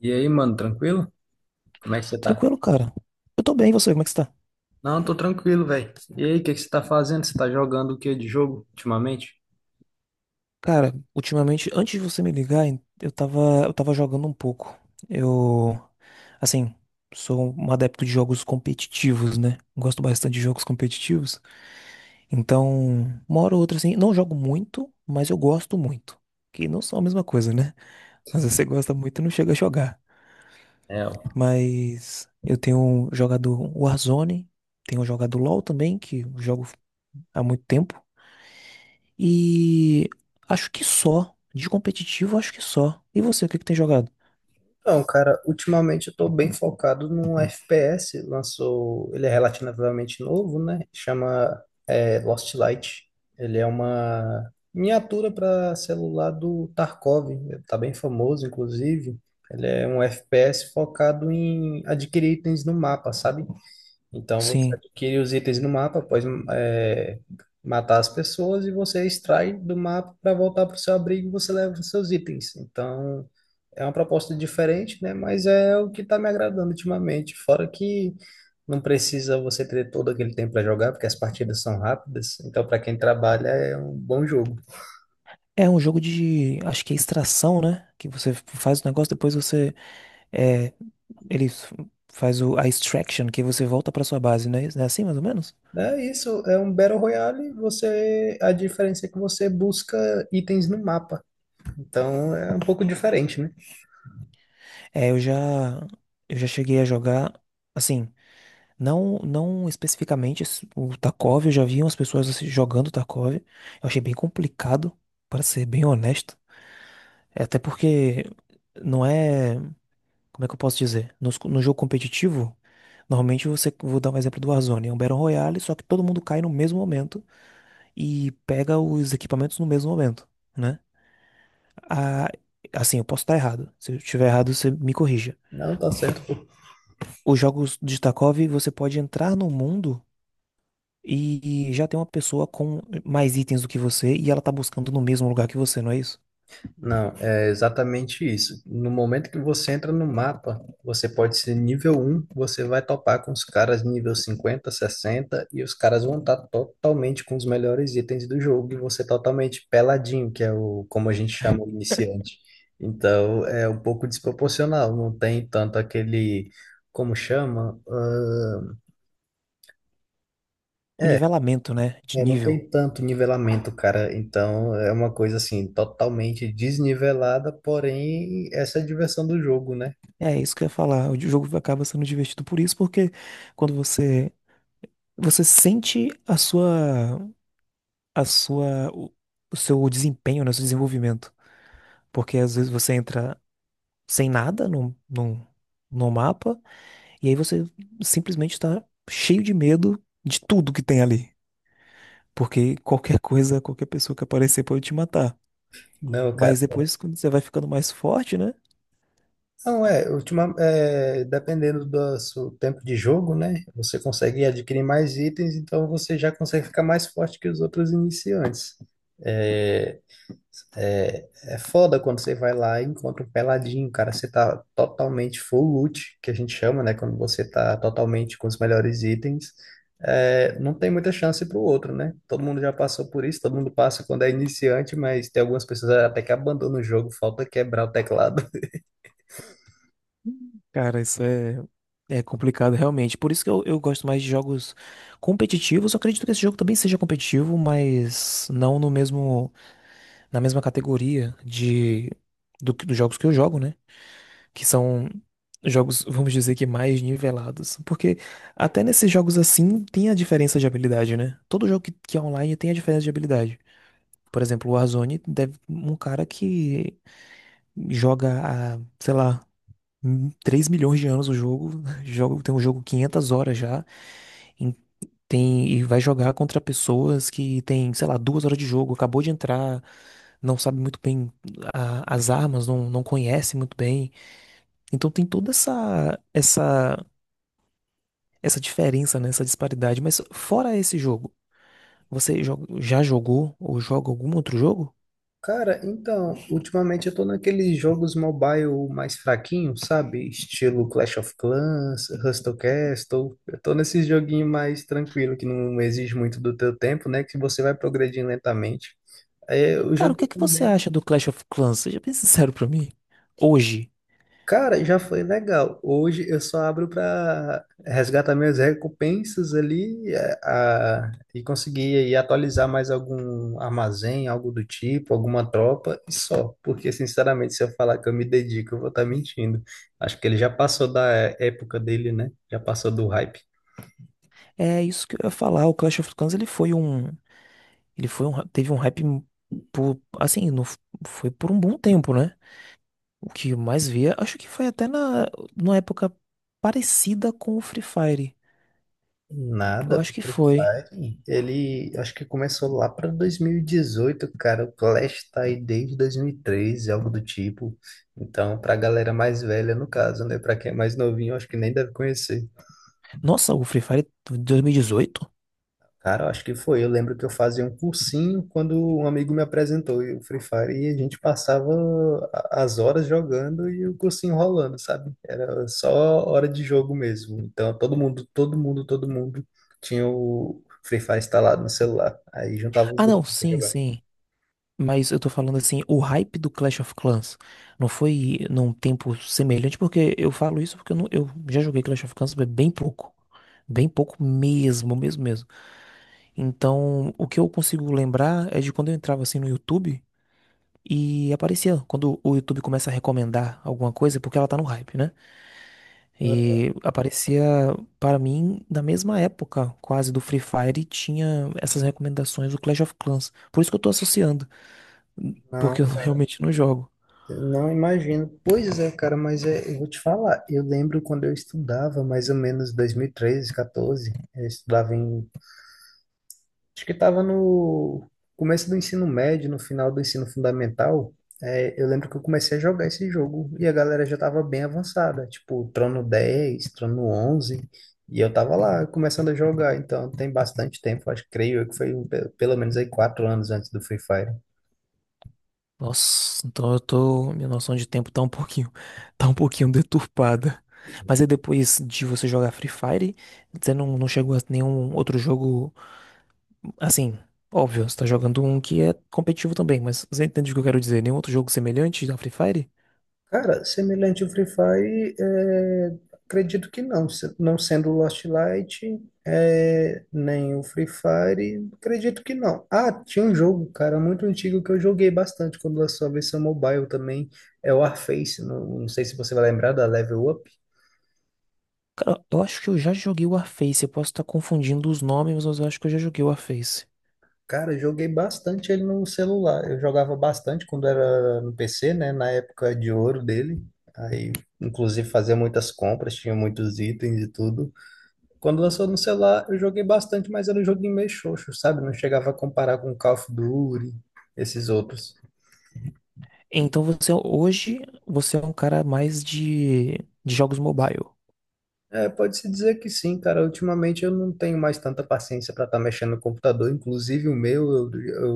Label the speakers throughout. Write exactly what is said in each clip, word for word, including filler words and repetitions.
Speaker 1: E aí, mano, tranquilo? Como é que você tá?
Speaker 2: Tranquilo, cara. Eu tô bem, e você, como é que você tá?
Speaker 1: Não, tô tranquilo, velho. E aí, o que que você tá fazendo? Você tá jogando o que de jogo ultimamente?
Speaker 2: Cara, ultimamente, antes de você me ligar, eu tava, eu tava jogando um pouco. Eu, assim, sou um adepto de jogos competitivos, né? Gosto bastante de jogos competitivos. Então, uma hora ou outra, assim, não jogo muito, mas eu gosto muito. Que não são a mesma coisa, né? Às vezes você gosta muito e não chega a jogar.
Speaker 1: É, ó.
Speaker 2: Mas eu tenho jogado Warzone, tenho jogado LoL também, que eu jogo há muito tempo. E acho que só. De competitivo, acho que só. E você, o que que tem jogado?
Speaker 1: Então, cara, ultimamente eu tô bem focado num F P S, lançou, ele é relativamente novo, né? Chama é, Lost Light. Ele é uma miniatura para celular do Tarkov, tá bem famoso, inclusive. Ele é um F P S focado em adquirir itens no mapa, sabe? Então você
Speaker 2: Sim.
Speaker 1: adquire os itens no mapa após é, matar as pessoas e você extrai do mapa para voltar para o seu abrigo e você leva os seus itens. Então é uma proposta diferente, né? Mas é o que está me agradando ultimamente. Fora que não precisa você ter todo aquele tempo para jogar, porque as partidas são rápidas. Então para quem trabalha é um bom jogo.
Speaker 2: É um jogo de. Acho que é extração, né? Que você faz o negócio, depois você. É, ele f- faz o, a extraction, que você volta pra sua base, né é, é assim, mais ou menos?
Speaker 1: É isso, é um Battle Royale. Você, a diferença é que você busca itens no mapa. Então é um pouco diferente, né?
Speaker 2: É, eu já. Eu já cheguei a jogar. Assim, não, não especificamente esse- o Tarkov, eu já vi umas pessoas assim, jogando Tarkov. Eu achei bem complicado, para ser bem honesto. É, até porque não é. Como é que eu posso dizer? Nos- No, jogo competitivo, normalmente você, vou dar um exemplo do Warzone, é um Battle Royale, só que todo mundo cai no mesmo momento e pega os equipamentos no mesmo momento, né? Ah, assim, eu posso estar errado. Se eu estiver errado, você me corrija.
Speaker 1: Não tá certo.
Speaker 2: Os jogos de Tarkov, você pode entrar no mundo e já tem uma pessoa com mais itens do que você e ela tá buscando no mesmo lugar que você, não é isso?
Speaker 1: Não, é exatamente isso. No momento que você entra no mapa, você pode ser nível um, você vai topar com os caras nível cinquenta, sessenta e os caras vão estar totalmente com os melhores itens do jogo, e você totalmente peladinho, que é o como a gente chama o iniciante. Então, é um pouco desproporcional, não tem tanto aquele, como chama?
Speaker 2: O nivelamento, né? De
Speaker 1: É, não
Speaker 2: nível.
Speaker 1: tem tanto nivelamento, cara. Então é uma coisa assim, totalmente desnivelada, porém essa é a diversão do jogo, né?
Speaker 2: É isso que eu ia falar. O jogo acaba sendo divertido por isso, porque quando você você sente a sua, a sua, o, o seu desempenho, né, o seu desenvolvimento. Porque às vezes você entra sem nada no, no, no mapa e aí você simplesmente está cheio de medo de tudo que tem ali. Porque qualquer coisa, qualquer pessoa que aparecer pode te matar.
Speaker 1: Não,
Speaker 2: Mas
Speaker 1: cara.
Speaker 2: depois, quando você vai ficando mais forte, né?
Speaker 1: Não, é, ultima, é, dependendo do seu tempo de jogo, né? Você consegue adquirir mais itens, então você já consegue ficar mais forte que os outros iniciantes. É, É, é foda quando você vai lá e encontra um peladinho, cara. Você tá totalmente full loot, que a gente chama, né? Quando você tá totalmente com os melhores itens, é, não tem muita chance pro outro, né? Todo mundo já passou por isso, todo mundo passa quando é iniciante, mas tem algumas pessoas até que abandonam o jogo, falta quebrar o teclado.
Speaker 2: Cara, isso é, é complicado realmente. Por isso que eu, eu gosto mais de jogos competitivos. Eu acredito que esse jogo também seja competitivo, mas não no mesmo. Na mesma categoria de do, que- dos jogos que eu jogo, né? Que são jogos, vamos dizer que mais nivelados. Porque até nesses jogos assim tem a diferença de habilidade, né? Todo jogo que, que é online tem a diferença de habilidade. Por exemplo, o Warzone deve um cara que joga há, sei lá, hum, três milhões de anos o jogo, joga, tem um jogo quinhentas horas já, em- Tem, e vai jogar contra pessoas que tem, sei lá, duas horas de jogo, acabou de entrar, não sabe muito bem a- as armas, não, não conhece muito bem. Então tem toda essa, essa, essa diferença, né, essa disparidade. Mas fora esse jogo, você jo- já jogou ou joga algum outro jogo?
Speaker 1: Cara, então, ultimamente eu tô naqueles jogos mobile mais fraquinhos, sabe? Estilo Clash of Clans, Hustle Castle. Eu tô nesses joguinhos mais tranquilo, que não exige muito do teu tempo, né? Que você vai progredindo lentamente. É, o
Speaker 2: Cara, o que
Speaker 1: jogo
Speaker 2: é que você
Speaker 1: também.
Speaker 2: acha do Clash of Clans? Seja bem sincero pra mim. Hoje,
Speaker 1: Cara, já foi legal. Hoje eu só abro para resgatar minhas recompensas ali eh, a- e conseguir aí atualizar mais algum armazém, algo do tipo, alguma tropa e só. Porque, sinceramente, se eu falar que eu me dedico, eu vou estar mentindo. Acho que ele já passou da época dele, né? Já passou do hype.
Speaker 2: é isso que eu ia falar. O Clash of Clans, ele foi um, ele foi um, teve um hype por, assim, não f- foi por um bom tempo, né? O que eu mais via, acho que foi até na, numa época parecida com o Free Fire. Eu
Speaker 1: Nada,
Speaker 2: acho
Speaker 1: o
Speaker 2: que
Speaker 1: Free
Speaker 2: foi.
Speaker 1: Fire, ele acho que começou lá para dois mil e dezoito, cara. O Clash tá aí desde dois mil e treze, algo do tipo. Então, pra galera mais velha, no caso, né? Pra quem é mais novinho, acho que nem deve conhecer.
Speaker 2: Nossa, o Free Fire de dois mil e dezoito?
Speaker 1: Cara, eu acho que foi. Eu lembro que eu fazia um cursinho quando um amigo me apresentou e o Free Fire e a gente passava a- as horas jogando e o cursinho rolando, sabe? Era só hora de jogo mesmo. Então todo mundo, todo mundo, todo mundo tinha o Free Fire instalado no celular. Aí juntava os
Speaker 2: Ah, não,
Speaker 1: grupos pra
Speaker 2: sim,
Speaker 1: jogar.
Speaker 2: sim. Mas eu tô falando assim, o hype do Clash of Clans não foi num tempo semelhante, porque eu falo isso porque eu, não- eu já joguei Clash of Clans bem pouco. Bem pouco mesmo, mesmo, mesmo. Então, o que eu consigo lembrar é de quando eu entrava assim no YouTube e aparecia, quando o YouTube começa a recomendar alguma coisa, é porque ela tá no hype, né?
Speaker 1: Ah,
Speaker 2: E aparecia para mim na mesma época, quase do Free Fire, e tinha essas recomendações do Clash of Clans. Por isso que eu tô associando, porque
Speaker 1: Não,
Speaker 2: eu realmente não jogo.
Speaker 1: não imagino. Pois é, cara, mas é, eu vou te falar. Eu lembro quando eu estudava, mais ou menos dois mil e treze, quatorze, eu estudava em Acho que estava no começo do ensino médio, no final do ensino fundamental. É, eu lembro que eu comecei a jogar esse jogo e a galera já estava bem avançada, tipo Trono dez, Trono onze, e eu tava lá começando a jogar, então tem bastante tempo, acho, creio eu que foi um pe- pelo menos aí quatro anos antes do Free Fire.
Speaker 2: Nossa, então eu tô, minha noção de tempo tá um pouquinho, tá um pouquinho deturpada. Mas aí depois de você jogar Free Fire, você não, não chegou a nenhum outro jogo, assim, óbvio, você tá jogando um que é competitivo também, mas você entende o que eu quero dizer? Nenhum outro jogo semelhante ao Free Fire?
Speaker 1: Cara, semelhante ao Free Fire, é, acredito que não. Se- Não sendo o Lost Light, é, nem o Free Fire, acredito que não. Ah, tinha um jogo, cara, muito antigo que eu joguei bastante quando lançou a versão mobile também. É o Warface. Não, não sei se você vai lembrar da Level Up.
Speaker 2: Cara, eu acho que eu já joguei o Warface. Eu posso estar confundindo os nomes, mas eu acho que eu já joguei o Warface.
Speaker 1: Cara, eu joguei bastante ele no celular. Eu jogava bastante quando era no P C, né? Na época de ouro dele. Aí, inclusive, fazia muitas compras, tinha muitos itens e tudo. Quando lançou no celular, eu joguei bastante, mas era um joguinho meio xoxo, sabe? Não chegava a comparar com Call of Duty, esses outros.
Speaker 2: Então você hoje você é um cara mais de, de jogos mobile.
Speaker 1: É, pode-se dizer que sim, cara. Ultimamente eu não tenho mais tanta paciência para estar mexendo no computador. Inclusive o meu eu,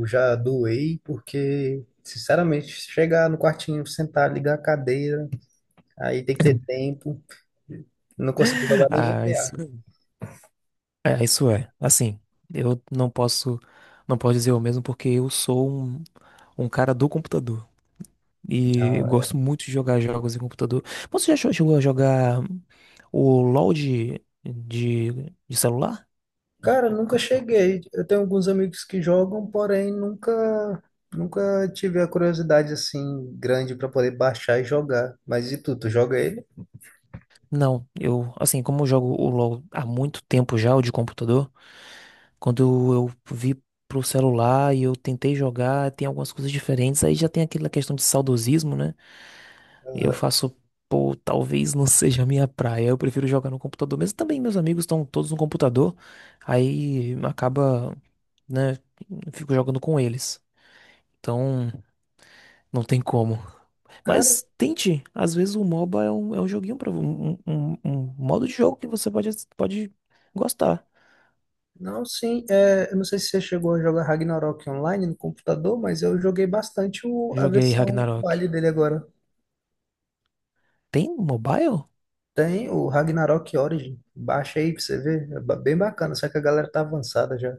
Speaker 1: eu já doei, porque, sinceramente, chegar no quartinho, sentar, ligar a cadeira, aí tem que ter tempo. Não consigo jogar nem
Speaker 2: Ah,
Speaker 1: G T A.
Speaker 2: isso é, isso é. Assim, eu não posso não posso dizer o mesmo porque eu sou um, um cara do computador e eu
Speaker 1: Não,
Speaker 2: gosto muito de jogar jogos em computador. Você já cho- chegou a jogar o LoL de, de, de celular?
Speaker 1: Cara, nunca cheguei. Eu tenho alguns amigos que jogam, porém nunca nunca tive a curiosidade assim grande para poder baixar e jogar. Mas e tu, tu joga ele?
Speaker 2: Não, eu, assim, como eu jogo o LoL há muito tempo já, o de computador, quando eu vi pro celular e eu tentei jogar, tem algumas coisas diferentes, aí já tem aquela questão de saudosismo, né? E eu
Speaker 1: Aham.
Speaker 2: faço, pô, talvez não seja a minha praia, eu prefiro jogar no computador, mas também meus amigos estão todos no computador, aí acaba, né, fico jogando com eles. Então, não tem como.
Speaker 1: Cara,
Speaker 2: Mas tente, às vezes o MOBA é um, é um joguinho para um, um, um modo de jogo que você pode, pode gostar.
Speaker 1: não, sim, é, eu não sei se você chegou a jogar Ragnarok online no computador, mas eu joguei bastante o, a
Speaker 2: Joguei
Speaker 1: versão
Speaker 2: Ragnarok.
Speaker 1: mobile dele agora.
Speaker 2: Tem mobile?
Speaker 1: Tem o Ragnarok Origin, baixa aí pra você ver, é ba- bem bacana, só que a galera tá avançada já.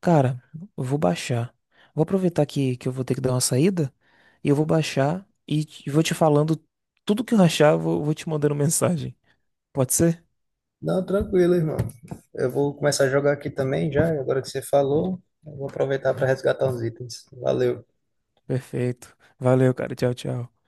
Speaker 2: Cara, eu vou baixar. Vou aproveitar que, que eu vou ter que dar uma saída e eu vou baixar e te- vou te falando tudo que eu achar, vou, vou te mandando mensagem. Pode ser?
Speaker 1: Não, tranquilo, irmão. Eu vou começar a jogar aqui também já, agora que você falou, eu vou aproveitar para resgatar uns itens. Valeu.
Speaker 2: Perfeito. Valeu, cara. Tchau, tchau.